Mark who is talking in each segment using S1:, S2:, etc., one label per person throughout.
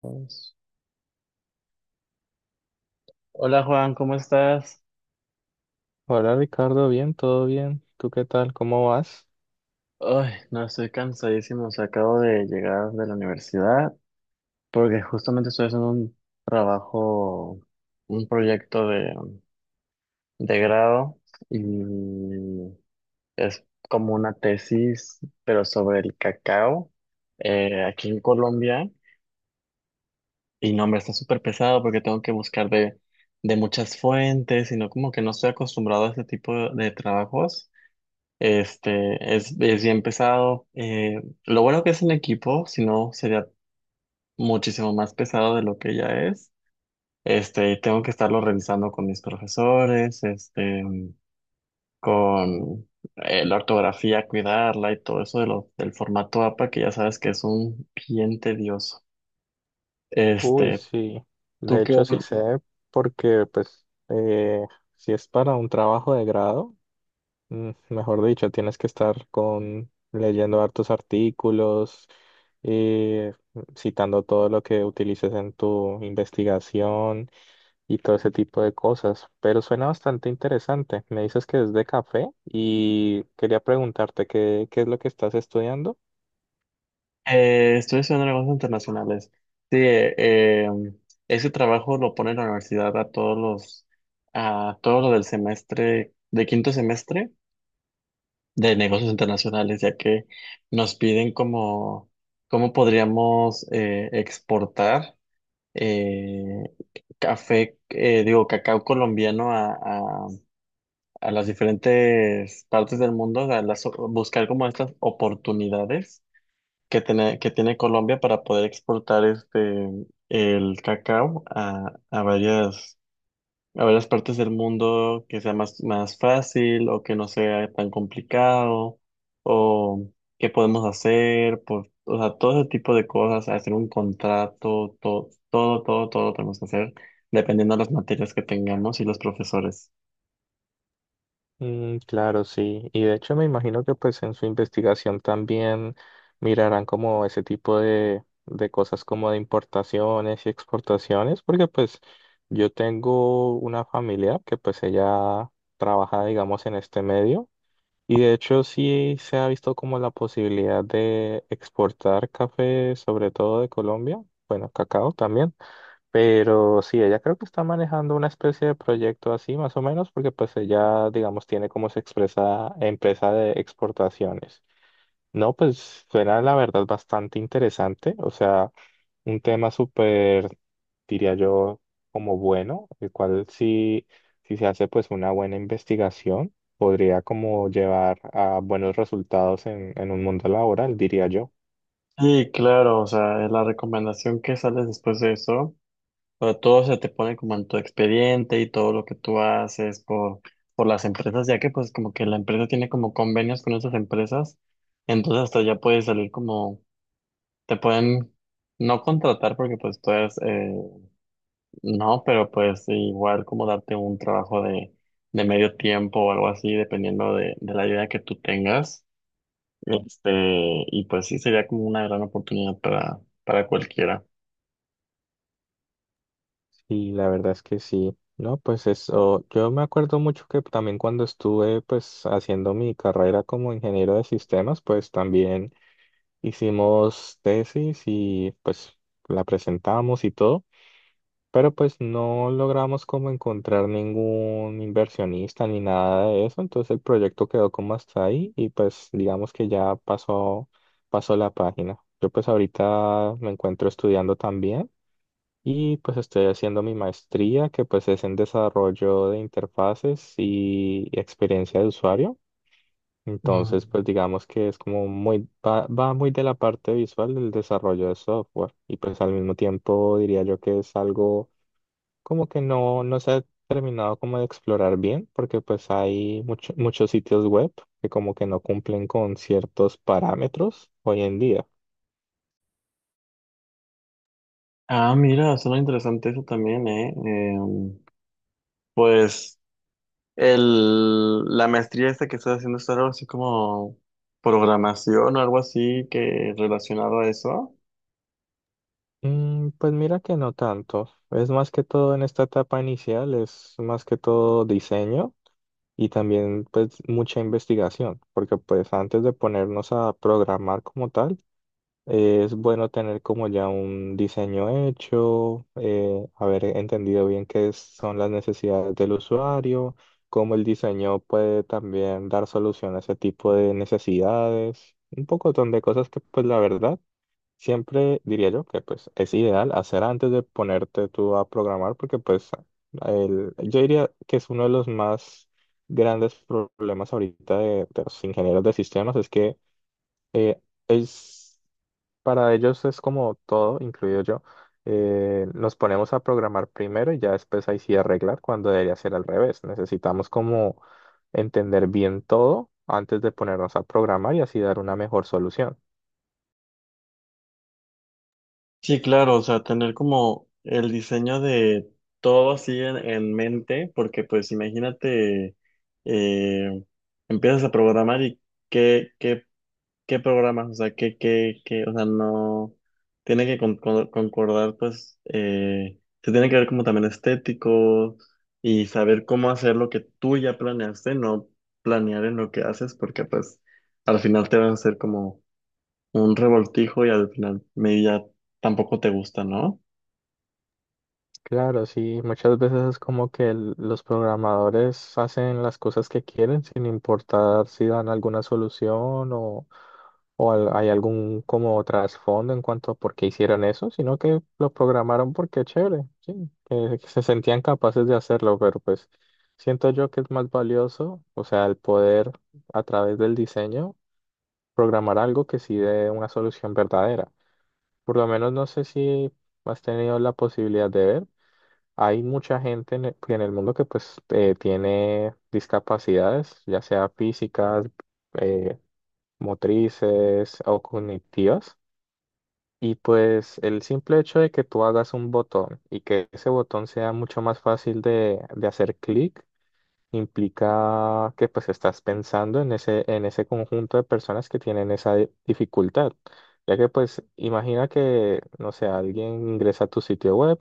S1: Pues, hola Juan, ¿cómo estás?
S2: Hola Ricardo, bien, todo bien. ¿Tú qué tal? ¿Cómo vas?
S1: Ay, no, estoy cansadísimo. O sea, acabo de llegar de la universidad porque justamente estoy haciendo un trabajo, un proyecto de grado y es como una tesis, pero sobre el cacao aquí en Colombia. Y no, hombre, está súper pesado porque tengo que buscar de muchas fuentes, sino como que no estoy acostumbrado a este tipo de trabajos. Este, es bien pesado. Lo bueno que es en equipo, si no sería muchísimo más pesado de lo que ya es. Este, tengo que estarlo revisando con mis profesores, este, con la ortografía, cuidarla y todo eso de lo, del formato APA, que ya sabes que es un bien tedioso.
S2: Uy,
S1: Este,
S2: sí.
S1: ¿tú
S2: De
S1: qué,
S2: hecho, sí sé, porque pues si es para un trabajo de grado, mejor dicho, tienes que estar con leyendo hartos artículos, eh, citando todo lo que utilices en tu investigación y todo ese tipo de cosas. Pero suena bastante interesante. Me dices que es de café y quería preguntarte qué es lo que estás estudiando.
S1: Estoy estudiando negocios internacionales. Sí, ese trabajo lo pone la universidad a todos los, a todo lo del semestre, de quinto semestre de negocios internacionales, ya que nos piden cómo, cómo podríamos exportar eh, café, digo, cacao colombiano a, a las diferentes partes del mundo, buscar como estas oportunidades que tiene Colombia para poder exportar este el cacao a varias partes del mundo que sea más, más fácil o que no sea tan complicado o qué podemos hacer, por, o sea, todo ese tipo de cosas, hacer un contrato, todo, todo, todo, todo lo tenemos que hacer dependiendo de las materias que tengamos y los profesores.
S2: Mm, claro, sí. Y de hecho me imagino que pues en su investigación también mirarán como ese tipo de cosas como de importaciones y exportaciones, porque pues yo tengo una familia que pues ella trabaja digamos en este medio y de hecho sí se ha visto como la posibilidad de exportar café, sobre todo de Colombia, bueno, cacao también. Pero sí, ella creo que está manejando una especie de proyecto así, más o menos, porque pues ella, digamos, tiene como se expresa empresa de exportaciones. No, pues suena la verdad bastante interesante, o sea, un tema súper, diría yo, como bueno, el cual si se hace pues una buena investigación, podría como llevar a buenos resultados en un mundo laboral, diría yo.
S1: Sí, claro, o sea, la recomendación que sale después de eso. Pero todo se te pone como en tu expediente y todo lo que tú haces por las empresas, ya que pues como que la empresa tiene como convenios con esas empresas, entonces hasta ya puedes salir como, te pueden no contratar porque pues tú eres, no, pero pues igual como darte un trabajo de medio tiempo o algo así, dependiendo de la idea que tú tengas. Este, y pues sí, sería como una gran oportunidad para cualquiera.
S2: Y la verdad es que sí, ¿no? Pues eso, yo me acuerdo mucho que también cuando estuve pues haciendo mi carrera como ingeniero de sistemas, pues también hicimos tesis y pues la presentamos y todo, pero pues no logramos como encontrar ningún inversionista ni nada de eso, entonces el proyecto quedó como hasta ahí y pues digamos que ya pasó la página. Yo pues ahorita me encuentro estudiando también. Y pues estoy haciendo mi maestría, que pues es en desarrollo de interfaces y experiencia de usuario. Entonces,
S1: Mm.
S2: pues digamos que es como muy, va muy de la parte visual del desarrollo de software. Y pues al mismo tiempo diría yo que es algo como que no se ha terminado como de explorar bien, porque pues hay muchos sitios web que como que no cumplen con ciertos parámetros hoy en día.
S1: Ah, mira, suena interesante eso también, ¿eh? Pues el, la maestría esta que estás haciendo es algo así como programación o algo así que relacionado a eso.
S2: Mm, pues mira que no tanto. Es más que todo en esta etapa inicial, es más que todo diseño y también pues mucha investigación, porque pues antes de ponernos a programar como tal, es bueno tener como ya un diseño hecho, haber entendido bien son las necesidades del usuario, cómo el diseño puede también dar solución a ese tipo de necesidades, un poco de cosas que pues la verdad. Siempre diría yo que pues es ideal hacer antes de ponerte tú a programar porque pues yo diría que es uno de los más grandes problemas ahorita de los ingenieros de sistemas es que eh, es para ellos es como todo, incluido yo, nos ponemos a programar primero y ya después ahí sí arreglar cuando debería ser al revés. Necesitamos como entender bien todo antes de ponernos a programar y así dar una mejor solución.
S1: Sí, claro, o sea, tener como el diseño de todo así en mente, porque pues imagínate, eh, empiezas a programar y qué, qué ¿qué programas? O sea, ¿qué, qué, qué? O sea, no. Tiene que concordar, pues, se tiene que ver como también estético y saber cómo hacer lo que tú ya planeaste, no planear en lo que haces, porque pues al final te vas a hacer como un revoltijo y al final media tampoco te gusta, ¿no?
S2: Claro, sí, muchas veces es como que los programadores hacen las cosas que quieren sin importar si dan alguna solución o, hay algún como trasfondo en cuanto a por qué hicieron eso, sino que lo programaron porque chévere, sí, que se sentían capaces de hacerlo, pero pues siento yo que es más valioso, o sea, el poder a través del diseño programar algo que sí dé una solución verdadera. Por lo menos no sé si has tenido la posibilidad de ver. Hay mucha gente en el mundo que pues tiene discapacidades, ya sea físicas, eh, motrices o cognitivas. Y pues el simple hecho de que tú hagas un botón y que ese botón sea mucho más fácil de hacer clic, implica que pues estás pensando en ese conjunto de personas que tienen esa dificultad. Ya que pues imagina que, no sé, alguien ingresa a tu sitio web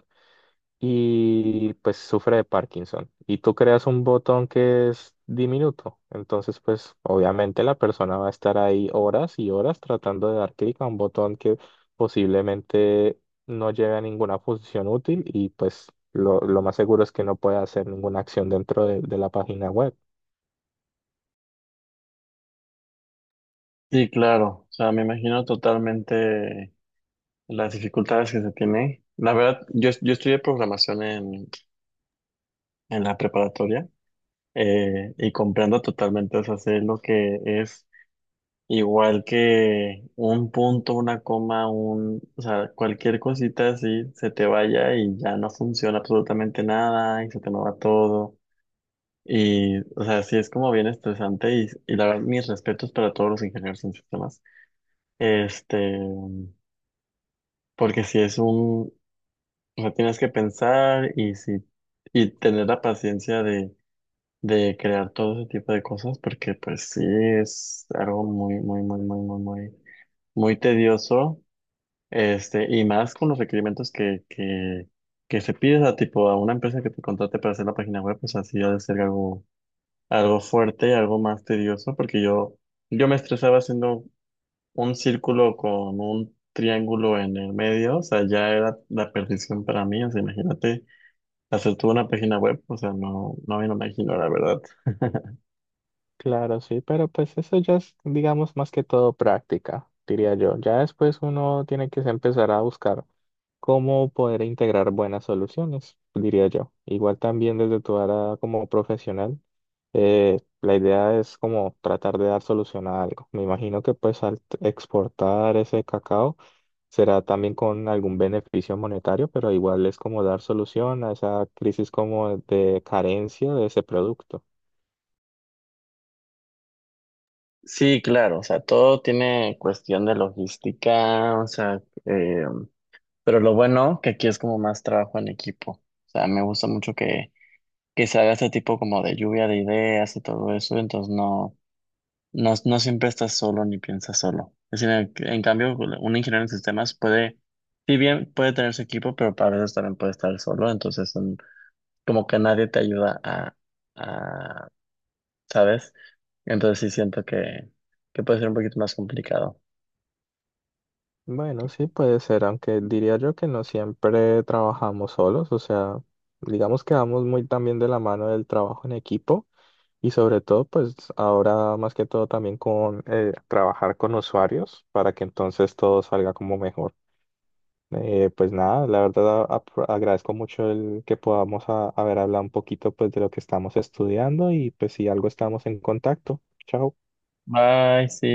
S2: y pues sufre de Parkinson. Y tú creas un botón que es diminuto. Entonces, pues obviamente la persona va a estar ahí horas y horas tratando de dar clic a un botón que posiblemente no lleve a ninguna función útil y pues lo más seguro es que no pueda hacer ninguna acción dentro de la página web.
S1: Sí, claro, o sea, me imagino totalmente las dificultades que se tiene. La verdad, yo estudié programación en la preparatoria. Y comprendo totalmente, o sea, sé lo que es igual que un punto, una coma, un, o sea, cualquier cosita así se te vaya y ya no funciona absolutamente nada y se te mueva todo. Y, o sea, sí es como bien estresante y la verdad, mis respetos para todos los ingenieros en sistemas. Este, porque si es un, o sea, tienes que pensar y si, y tener la paciencia de crear todo ese tipo de cosas porque pues sí es algo muy muy muy muy muy muy muy tedioso este y más con los requerimientos que que se pide a tipo a una empresa que te contrate para hacer la página web pues así ha de ser algo algo fuerte algo más tedioso porque yo me estresaba haciendo un círculo con un triángulo en el medio o sea ya era la perdición para mí o sea imagínate hacer toda una página web o sea no me lo imagino la verdad.
S2: Claro, sí, pero pues eso ya es, digamos, más que todo práctica, diría yo. Ya después uno tiene que empezar a buscar cómo poder integrar buenas soluciones, diría yo. Igual también desde tu área como profesional, la idea es como tratar de dar solución a algo. Me imagino que pues al exportar ese cacao será también con algún beneficio monetario, pero igual es como dar solución a esa crisis como de carencia de ese producto.
S1: Sí, claro, o sea, todo tiene cuestión de logística, o sea, eh, pero lo bueno que aquí es como más trabajo en equipo, o sea, me gusta mucho que se haga ese tipo como de lluvia de ideas y todo eso, entonces no, no siempre estás solo ni piensas solo. Es decir, en cambio, un ingeniero en sistemas puede, si bien puede tener su equipo, pero para veces también puede estar solo, entonces como que nadie te ayuda a, ¿sabes? Entonces sí siento que puede ser un poquito más complicado.
S2: Bueno, sí puede ser, aunque diría yo que no siempre trabajamos solos, o sea, digamos que vamos muy también de la mano del trabajo en equipo y sobre todo pues ahora más que todo también con trabajar con usuarios para que entonces todo salga como mejor. Pues nada, la verdad agradezco mucho el que podamos haber hablado un poquito pues de lo que estamos estudiando y pues si algo estamos en contacto. Chao.
S1: Bye, sí.